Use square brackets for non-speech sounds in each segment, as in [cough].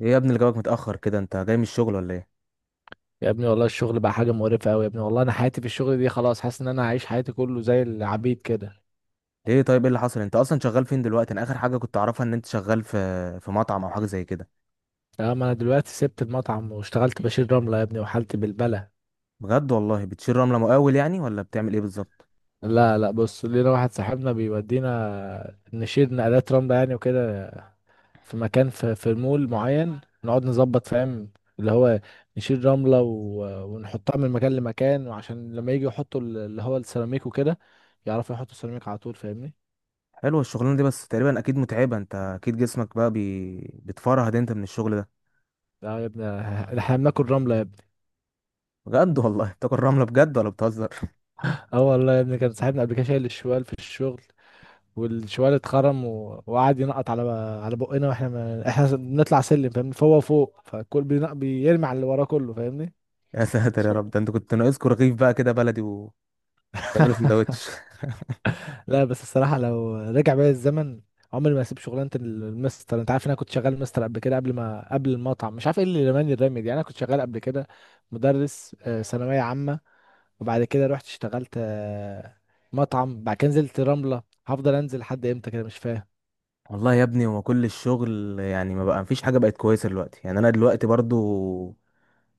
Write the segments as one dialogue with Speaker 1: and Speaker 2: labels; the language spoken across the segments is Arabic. Speaker 1: ايه يا ابني اللي جابك متأخر كده؟ انت جاي من الشغل ولا ايه؟
Speaker 2: يا ابني، والله الشغل بقى حاجة مقرفة أوي. يا ابني، والله أنا حياتي في الشغل دي خلاص، حاسس إن أنا عايش حياتي كله زي العبيد كده.
Speaker 1: ليه؟ طيب ايه اللي حصل؟ انت اصلا شغال فين دلوقتي؟ انا اخر حاجة كنت اعرفها ان انت شغال في مطعم او حاجة زي كده.
Speaker 2: تمام، أنا دلوقتي سبت المطعم واشتغلت بشيل رملة يا ابني، وحالتي بالبلة.
Speaker 1: بجد والله؟ بتشيل رملة مقاول يعني ولا بتعمل ايه بالظبط؟
Speaker 2: لا لا، بص لينا واحد صاحبنا بيودينا نشيل نقلات رملة يعني وكده. في مكان في المول معين نقعد نظبط، فاهم؟ اللي هو نشيل رملة و... ونحطها من مكان لمكان، وعشان لما يجي يحطوا اللي هو السيراميك وكده، يعرفوا يحطوا السيراميك على طول، فاهمني.
Speaker 1: حلوة الشغلانة دي، بس تقريبا اكيد متعبة. انت اكيد جسمك بقى بتفرهد انت من الشغل ده؟
Speaker 2: لا يا ابني. احنا بناكل رملة يا ابني.
Speaker 1: بجد والله! [laughs] بتاكل رملة بجد ولا بتهزر؟
Speaker 2: اه والله يا ابني، كان صاحبنا قبل كده شايل الشوال في الشغل. والشوال اتخرم و... وقعد ينقط على بقنا، واحنا ما... احنا بنطلع سلم فاهمني، فوق وفوق، فالكل بيرمي على اللي وراه كله، فاهمني.
Speaker 1: [laughs] يا ساتر يا
Speaker 2: [laughs]
Speaker 1: رب! ده انت كنت ناقصكوا رغيف بقى كده بلدي وتعملوا سندوتش.
Speaker 2: لا بس الصراحة لو رجع بيا الزمن، عمري ما هسيب شغلانة المستر. انت عارف ان انا كنت شغال مستر قبل كده، قبل المطعم. مش عارف ايه اللي رماني الرمي دي. انا كنت شغال قبل كده مدرس، ثانوية عامة. وبعد كده رحت اشتغلت مطعم. بعد كده نزلت رملة. هفضل انزل لحد امتى كده؟ مش فاهم.
Speaker 1: والله يا ابني، هو كل الشغل يعني ما بقى مفيش حاجة بقت كويسة دلوقتي. يعني انا دلوقتي برضو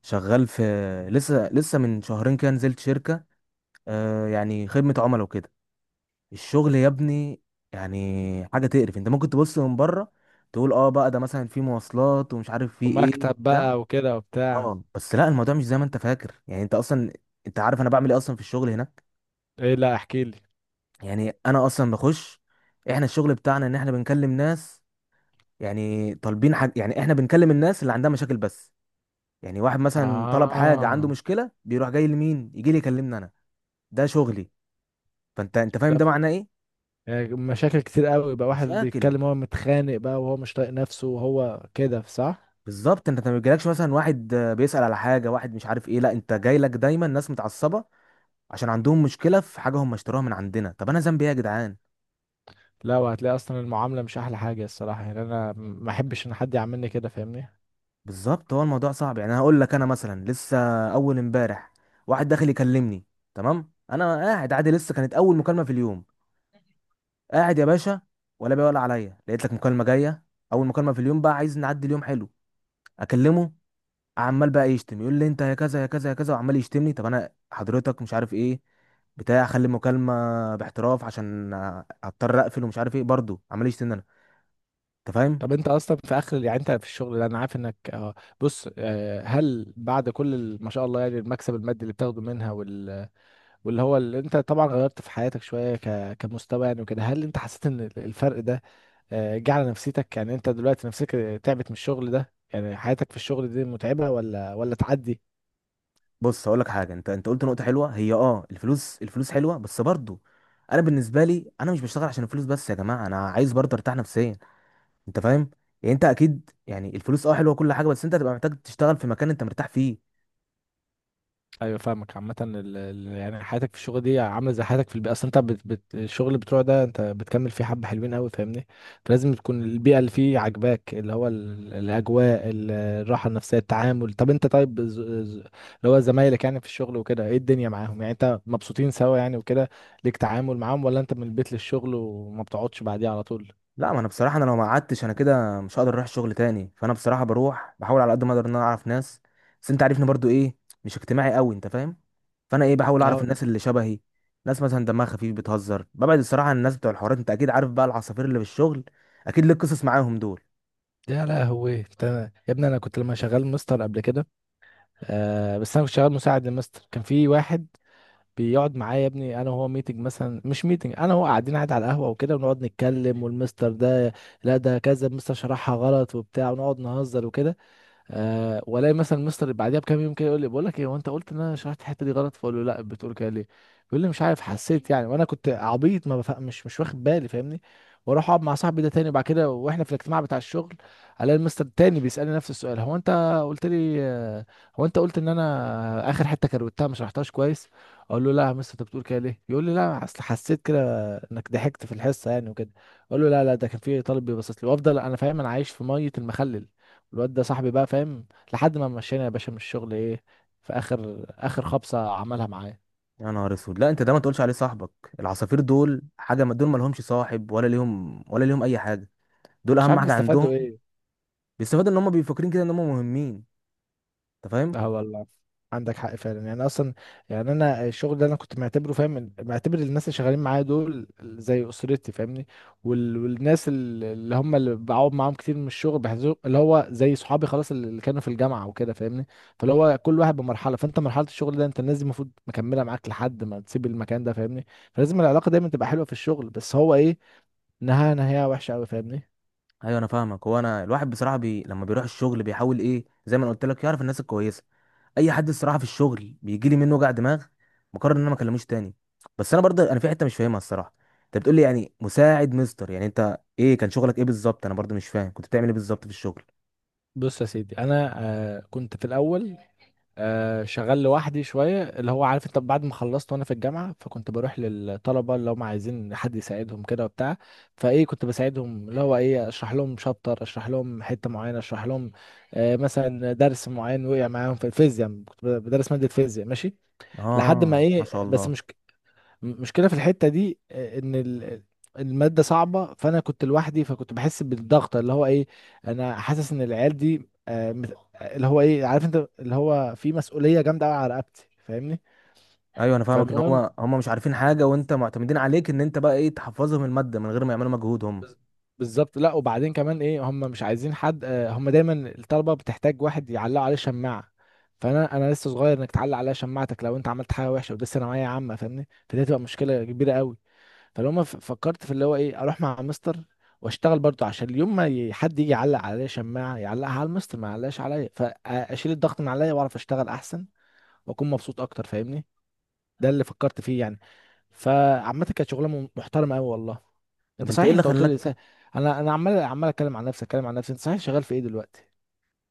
Speaker 1: شغال في، لسه من شهرين كده نزلت شركة، يعني خدمة عملاء وكده. الشغل يا ابني يعني حاجة تقرف. انت ممكن تبص من بره تقول: اه، بقى ده مثلا في مواصلات ومش عارف في ايه
Speaker 2: ومكتب
Speaker 1: بتاع.
Speaker 2: بقى وكده وبتاع.
Speaker 1: اه، بس لا الموضوع مش زي ما انت فاكر. يعني انت عارف انا بعمل ايه اصلا في الشغل هناك؟
Speaker 2: ايه؟ لا احكي لي.
Speaker 1: يعني انا اصلا بخش، احنا الشغل بتاعنا ان احنا بنكلم ناس يعني طالبين حاجة. يعني احنا بنكلم الناس اللي عندها مشاكل بس. يعني واحد مثلا طلب حاجة،
Speaker 2: اه.
Speaker 1: عنده مشكلة، بيروح جاي لمين؟ يجي لي يكلمني انا. ده شغلي. فانت فاهم
Speaker 2: لا
Speaker 1: ده معناه ايه؟
Speaker 2: يعني مشاكل كتير قوي بقى، واحد
Speaker 1: مشاكل.
Speaker 2: بيتكلم هو متخانق بقى وهو مش طايق نفسه وهو كده، صح؟
Speaker 1: بالظبط. انت ما بيجيلكش مثلا واحد بيسأل على حاجة، واحد مش عارف ايه. لا، انت جاي لك دايما ناس متعصبة عشان عندهم مشكلة في حاجة هم اشتروها من عندنا. طب انا ذنبي ايه يا جدعان؟
Speaker 2: لا، وهتلاقي اصلا المعامله مش احلى حاجه الصراحه. يعني انا ما احبش ان حد يعاملني كده، فاهمني.
Speaker 1: بالظبط، هو الموضوع صعب. يعني انا هقول لك، انا مثلا لسه اول امبارح واحد داخل يكلمني. تمام، انا قاعد عادي، لسه كانت اول مكالمة في اليوم. قاعد يا باشا، ولا بيقول عليا لقيت لك مكالمه جايه، اول مكالمه في اليوم بقى، عايز نعدي اليوم حلو. اكلمه، عمال بقى يشتم، يقول لي انت يا كذا يا كذا يا كذا، وعمال يشتمني. طب انا حضرتك مش عارف ايه بتاع، خلي المكالمه باحتراف، عشان هضطر اقفل ومش عارف ايه، برضه عمال يشتمني انا. انت فاهم؟
Speaker 2: طب انت اصلا في اخر يعني انت في الشغل ده انا عارف انك، بص، هل بعد كل ما شاء الله يعني المكسب المادي اللي بتاخده منها واللي هو اللي انت طبعا غيرت في حياتك شويه، كمستوى يعني وكده، هل انت حسيت ان الفرق ده جه على نفسيتك؟ يعني انت دلوقتي نفسك تعبت من الشغل ده؟ يعني حياتك في الشغل دي متعبة ولا تعدي؟
Speaker 1: بص اقول لك حاجه، انت قلت نقطه حلوه. هي الفلوس. الفلوس حلوه بس برضه، انا بالنسبه لي انا مش بشتغل عشان الفلوس بس يا جماعه. انا عايز برضه ارتاح نفسيا. انت فاهم؟ يعني انت اكيد، يعني الفلوس حلوه كل حاجه، بس انت هتبقى محتاج تشتغل في مكان انت مرتاح فيه.
Speaker 2: ايوه فاهمك. عامة يعني حياتك في الشغل دي عاملة زي حياتك في البيئة، اصل انت بت بت الشغل بتوع ده انت بتكمل فيه حبة حلوين قوي، فاهمني. فلازم تكون البيئة اللي فيه عاجباك، اللي هو الاجواء، الراحة النفسية، التعامل. طب انت طيب، اللي هو زمايلك يعني في الشغل وكده، ايه الدنيا معاهم؟ يعني انت مبسوطين سوا يعني وكده، ليك تعامل معاهم ولا انت من البيت للشغل وما بتقعدش بعديه على طول؟
Speaker 1: لا، ما انا بصراحه انا لو ما قعدتش انا كده مش هقدر اروح الشغل تاني. فانا بصراحه بروح بحاول على قد ما اقدر ان انا اعرف ناس. بس انت عارفني برضو ايه، مش اجتماعي قوي. انت فاهم؟ فانا ايه، بحاول اعرف الناس اللي شبهي، ناس مثلا دمها خفيف بتهزر. ببعد الصراحه عن الناس بتوع الحوارات. انت اكيد عارف بقى العصافير اللي في الشغل، اكيد ليك قصص معاهم دول.
Speaker 2: يا لهوي انت. يا ابني، انا كنت لما شغال مستر قبل كده، بس انا كنت شغال مساعد للمستر. كان في واحد بيقعد معايا يا ابني، انا وهو ميتنج مثلا، مش ميتنج، انا وهو قاعدين قاعد على القهوه وكده، ونقعد نتكلم والمستر ده، لا ده كذا المستر شرحها غلط وبتاع، ونقعد نهزر وكده. أه، والاقي مثلا مستر بعديها بكام يوم كده يقول لي: بقول لك ايه، هو انت قلت ان انا شرحت الحته دي غلط؟ فاقول له: لا، بتقول كده ليه؟ يقول لي: مش عارف، حسيت يعني. وانا كنت عبيط ما بفهم، مش واخد بالي، فاهمني. واروح اقعد مع صاحبي ده تاني، وبعد كده واحنا في الاجتماع بتاع الشغل، الاقي المستر التاني بيسالني نفس السؤال: هو انت قلت لي، هو انت قلت ان انا اخر حته كروتها ما شرحتهاش كويس؟ اقول له: لا يا مستر، انت بتقول كده ليه؟ يقول لي: لا، اصل حسيت انك ضحكت في الحصه يعني وكده. اقول له: لا لا، ده كان في طالب بيبصص لي. وافضل انا فاهم انا عايش في ميه المخلل. الواد ده صاحبي بقى، فاهم. لحد ما مشينا يا باشا من الشغل، ايه، في اخر اخر خبطه عملها معايا.
Speaker 1: يا نهار اسود! لا، انت ده ما تقولش عليه صاحبك. العصافير دول حاجه دول ما لهمش صاحب ولا ليهم اي حاجه. دول
Speaker 2: مش
Speaker 1: اهم
Speaker 2: عارف
Speaker 1: حاجه
Speaker 2: بيستفادوا
Speaker 1: عندهم
Speaker 2: ايه.
Speaker 1: بيستفاد ان هم بيفكرين كده ان هم مهمين. انت فاهم؟
Speaker 2: اه والله، عندك حق فعلا. يعني اصلا يعني انا الشغل ده انا كنت معتبره، فاهم، معتبر الناس اللي شغالين معايا دول زي اسرتي، فاهمني. وال... والناس اللي هم اللي بقعد معاهم كتير من الشغل بحسهم اللي هو زي صحابي خلاص اللي كانوا في الجامعه وكده، فاهمني. فاللي هو كل واحد بمرحله. فانت مرحله الشغل ده، انت الناس دي المفروض مكمله معاك لحد ما تسيب المكان ده، فاهمني. فلازم العلاقه دايما تبقى حلوه في الشغل، بس هو ايه، نهايه نهايه وحشه قوي، فاهمني.
Speaker 1: ايوه، انا فاهمك. هو انا الواحد بصراحه لما بيروح الشغل بيحاول ايه زي ما انا قلت لك، يعرف الناس الكويسه. اي حد الصراحه في الشغل بيجي لي منه وجع دماغ، بقرر ان انا ما اكلموش تاني. بس انا برضه انا في حته مش فاهمها الصراحه. انت بتقول لي يعني مساعد مستر، يعني انت ايه كان شغلك ايه بالظبط؟ انا برضه مش فاهم كنت بتعمل ايه بالظبط في الشغل.
Speaker 2: بص يا سيدي، انا كنت في الاول، شغال لوحدي شوية، اللي هو عارف انت، بعد ما خلصت وانا في الجامعة فكنت بروح للطلبة اللي هم عايزين حد يساعدهم كده وبتاع. فايه كنت بساعدهم، اللي هو ايه، اشرح لهم شابتر، اشرح لهم حتة معينة، اشرح لهم مثلا درس معين وقع معاهم في الفيزياء، كنت بدرس مادة فيزياء، ماشي. لحد ما
Speaker 1: اه، ما شاء
Speaker 2: ايه، بس
Speaker 1: الله.
Speaker 2: مش، المشكله في الحته دي ان الماده صعبه، فانا كنت لوحدي فكنت بحس بالضغط، اللي هو ايه، انا حاسس ان العيال دي، اللي هو ايه، عارف انت، اللي هو في مسؤوليه جامده قوي على رقبتي، فاهمني.
Speaker 1: ايوه انا فاهمك، ان
Speaker 2: فالمهم،
Speaker 1: هو هم مش عارفين حاجه وانت معتمدين عليك ان انت بقى ايه تحفظهم الماده من غير ما يعملوا مجهود هم.
Speaker 2: بز- بالظبط. لا، وبعدين كمان ايه، هم مش عايزين حد، هم دايما الطلبه بتحتاج واحد يعلقوا عليه شماعه. فانا لسه صغير، انك تعلق عليا شماعتك لو انت عملت حاجه وحشه، ودي ثانويه عامه فاهمني، فدي هتبقى مشكله كبيره قوي. فلو ما فكرت في اللي هو ايه، اروح مع مستر واشتغل برضه، عشان اليوم ما حد يجي يعلق عليا شماعه يعلقها على المستر، ما يعلقش عليا، فاشيل الضغط من عليا واعرف اشتغل احسن واكون مبسوط اكتر، فاهمني. ده اللي فكرت فيه يعني. فعامه كانت شغلانه محترمه قوي والله.
Speaker 1: طب
Speaker 2: انت
Speaker 1: انت ايه
Speaker 2: صحيح
Speaker 1: اللي
Speaker 2: انت قلت لي،
Speaker 1: خلاك؟
Speaker 2: انا عمال عمال اتكلم عن نفسي، اتكلم عن نفسي. انت صحيح، شغال في ايه دلوقتي؟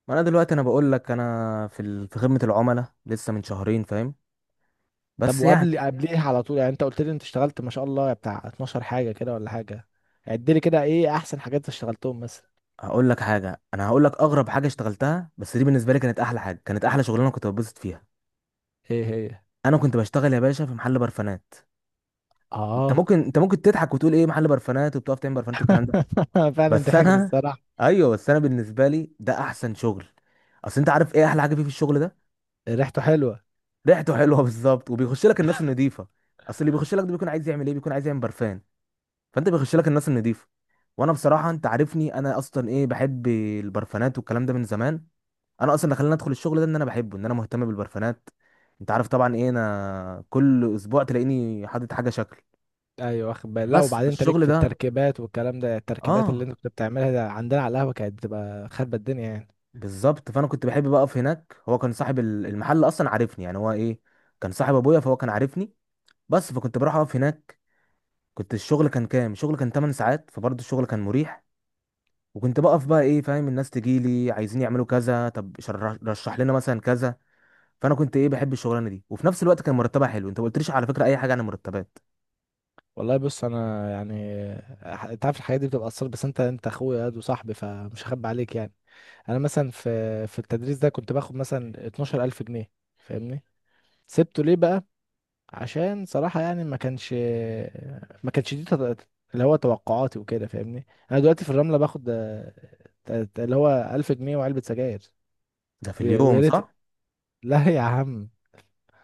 Speaker 1: ما انا دلوقتي انا بقول لك انا في في خدمة العملاء لسه من شهرين. فاهم؟
Speaker 2: طب
Speaker 1: بس يعني،
Speaker 2: وقبل قبليه على طول يعني، انت قلت لي انت اشتغلت ما شاء الله بتاع 12 حاجه كده ولا حاجه، عد لي كده ايه احسن حاجات اشتغلتهم مثلا.
Speaker 1: هقول لك حاجة، انا هقول لك اغرب حاجة اشتغلتها بس دي بالنسبة لي كانت احلى حاجة، كانت احلى شغلانة كنت بتبسط فيها.
Speaker 2: ايه هي؟
Speaker 1: انا كنت بشتغل يا باشا في محل برفانات. انت
Speaker 2: اه،
Speaker 1: ممكن انت ممكن تضحك وتقول ايه محل برفانات وبتقف تعمل برفانات والكلام ده؟
Speaker 2: [laughs] فعلا
Speaker 1: بس
Speaker 2: ضحكت
Speaker 1: انا
Speaker 2: الصراحه.
Speaker 1: [laughs] ايوه، بس انا بالنسبة لي ده احسن شغل. اصل انت عارف ايه احلى حاجة فيه في الشغل ده؟
Speaker 2: ريحته حلوه.
Speaker 1: ريحته حلوة [laughs] بالظبط. وبيخش لك الناس النظيفة. اصل اللي بيخش لك ده بيكون عايز يعمل ايه؟ بيكون عايز يعمل برفان. فانت بيخش لك الناس النظيفه. وانا بصراحه انت عارفني، انا اصلا ايه، بحب البرفانات والكلام ده من زمان. انا اصلا اللي خلاني ادخل الشغل ده ان انا بحبه، ان انا مهتم بالبرفانات. انت عارف طبعا ايه، انا كل اسبوع تلاقيني حاطط حاجه شكل.
Speaker 2: ايوه واخد بالي. لا،
Speaker 1: بس في
Speaker 2: وبعدين انت ليك
Speaker 1: الشغل
Speaker 2: في
Speaker 1: ده
Speaker 2: التركيبات والكلام ده، التركيبات اللي
Speaker 1: اه،
Speaker 2: انت كنت بتعملها ده عندنا على القهوه كانت بتبقى خربة الدنيا يعني.
Speaker 1: بالظبط. فانا كنت بحب بقف هناك. هو كان صاحب المحل اصلا عارفني، يعني هو ايه، كان صاحب ابويا، فهو كان عارفني. بس فكنت بروح اقف هناك. كنت الشغل كان كام؟ الشغل كان 8 ساعات، فبرضه الشغل كان مريح. وكنت بقف بقى ايه، فاهم، الناس تجي لي عايزين يعملوا كذا، طب رشح لنا مثلا كذا. فانا كنت ايه، بحب الشغلانه دي، وفي نفس الوقت كان مرتبها حلو. انت ما قلتليش على فكره اي حاجه عن المرتبات.
Speaker 2: والله بص، انا يعني، انت عارف الحاجات دي بتبقى اثر، بس انت اخويا ياد وصاحبي فمش هخبي عليك يعني. انا مثلا في التدريس ده كنت باخد مثلا 12000 جنيه، فاهمني. سبته ليه بقى؟ عشان صراحة يعني، ما كانش دي، اللي هو توقعاتي وكده، فاهمني. انا دلوقتي في الرملة باخد اللي هو 1000 جنيه وعلبة سجاير.
Speaker 1: ده في
Speaker 2: ويا
Speaker 1: اليوم
Speaker 2: ريت.
Speaker 1: صح؟
Speaker 2: [laughs] لا يا عم،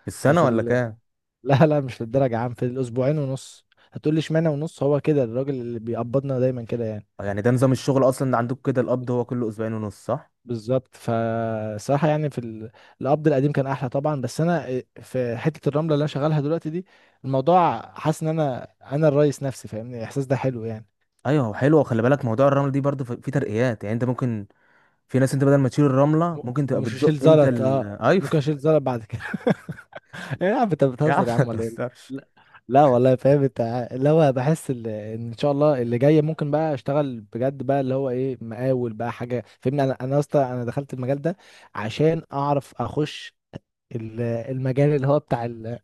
Speaker 1: في
Speaker 2: ده
Speaker 1: السنه
Speaker 2: في
Speaker 1: ولا كام؟
Speaker 2: لا لا، مش للدرجة يا عم، في الاسبوعين ونص. هتقول لي اشمعنى ونص؟ هو كده الراجل اللي بيقبضنا دايما كده يعني.
Speaker 1: آه، يعني ده نظام الشغل اصلا ده عندك كده، القبض هو كله اسبوعين ونص صح؟
Speaker 2: بالظبط. فصراحة يعني في القبض القديم كان احلى طبعا، بس انا في حتة الرملة اللي انا شغالها دلوقتي دي، الموضوع، حاسس ان انا الرئيس نفسي، فاهمني. الاحساس ده حلو يعني.
Speaker 1: ايوه هو حلو. خلي بالك موضوع الرمل دي برضه في ترقيات، يعني انت ممكن، في ناس انت بدل ما تشيل الرمله
Speaker 2: م-
Speaker 1: ممكن تبقى
Speaker 2: مش
Speaker 1: بتزق
Speaker 2: اشيل
Speaker 1: انت
Speaker 2: زلط، اه.
Speaker 1: ايوه
Speaker 2: ممكن
Speaker 1: [laughs]
Speaker 2: اشيل زلط بعد كده. [laughs] يا عم انت
Speaker 1: يا عم
Speaker 2: بتهزر يا
Speaker 1: ما
Speaker 2: عم ولا ايه؟
Speaker 1: تهزرش.
Speaker 2: لا. لا والله فاهم، انت اللي هو بحس ان شاء الله اللي جاي ممكن بقى اشتغل بجد بقى، اللي هو ايه، مقاول بقى حاجه، فاهمني. انا اصلا انا دخلت المجال ده عشان اعرف اخش المجال اللي هو بتاع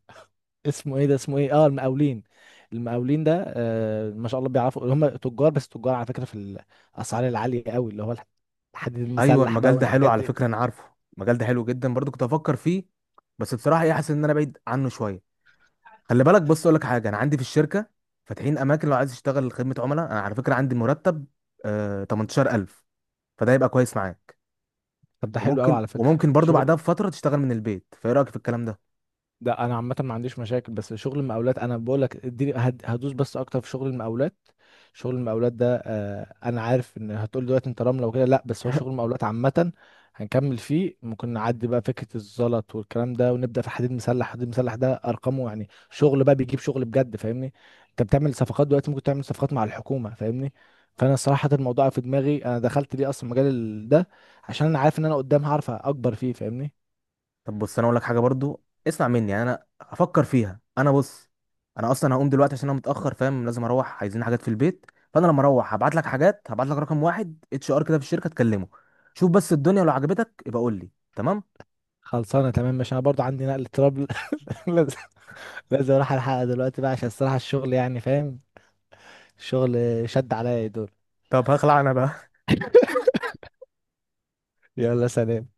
Speaker 2: اسمه ايه ده، اسمه ايه، اه، المقاولين. المقاولين ده، ما شاء الله، بيعرفوا اللي هم تجار، بس تجار على فكره في الاسعار العاليه قوي، اللي هو الحديد
Speaker 1: ايوه
Speaker 2: المسلح بقى
Speaker 1: المجال ده حلو
Speaker 2: والحاجات
Speaker 1: على
Speaker 2: دي.
Speaker 1: فكره، انا عارفه. المجال ده حلو جدا، برضه كنت افكر فيه. بس بصراحه ايه، حاسس ان انا بعيد عنه شويه. خلي بالك، بص اقول لك حاجه، انا عندي في الشركه فاتحين اماكن لو عايز تشتغل خدمه عملاء. انا على فكره عندي مرتب 18000. فده يبقى كويس معاك.
Speaker 2: طب ده حلو قوي
Speaker 1: وممكن
Speaker 2: على فكره.
Speaker 1: برضو بعدها
Speaker 2: شغل
Speaker 1: بفتره تشتغل من البيت. فايه رايك في الكلام ده؟
Speaker 2: ده، انا عامه ما عنديش مشاكل، بس شغل المقاولات انا بقول لك اديني هدوس بس اكتر في شغل المقاولات. شغل المقاولات ده انا عارف ان هتقول دلوقتي انت رمله وكده، لا بس هو شغل المقاولات عامه هنكمل فيه، ممكن نعدي بقى فكره الزلط والكلام ده ونبدا في حديد مسلح. حديد مسلح ده ارقامه يعني شغل بقى، بيجيب شغل بجد، فاهمني. انت بتعمل صفقات دلوقتي، ممكن تعمل صفقات مع الحكومه، فاهمني. فانا صراحه الموضوع في دماغي، انا دخلت ليه اصلا مجال ده، عشان انا عارف ان انا قدام هعرف اكبر فيه، فاهمني.
Speaker 1: طب بص، انا اقول لك حاجه برضو اسمع مني، يعني انا افكر فيها. انا بص، انا اصلا هقوم دلوقتي عشان انا متاخر، فاهم؟ لازم اروح، عايزين حاجات في البيت. فانا لما اروح هبعت لك حاجات، هبعت لك رقم واحد HR كده في الشركه تكلمه. شوف بس الدنيا لو عجبتك يبقى قول لي. تمام؟
Speaker 2: خلصانه تمام، مش انا برضو عندي نقل تراب. [laughs] لازم. لازم اروح الحلقه دلوقتي بقى عشان الصراحه الشغل يعني، فاهم. الشغل، شد عليا يا دول.
Speaker 1: طب هخلع انا بقى.
Speaker 2: يلا سلام.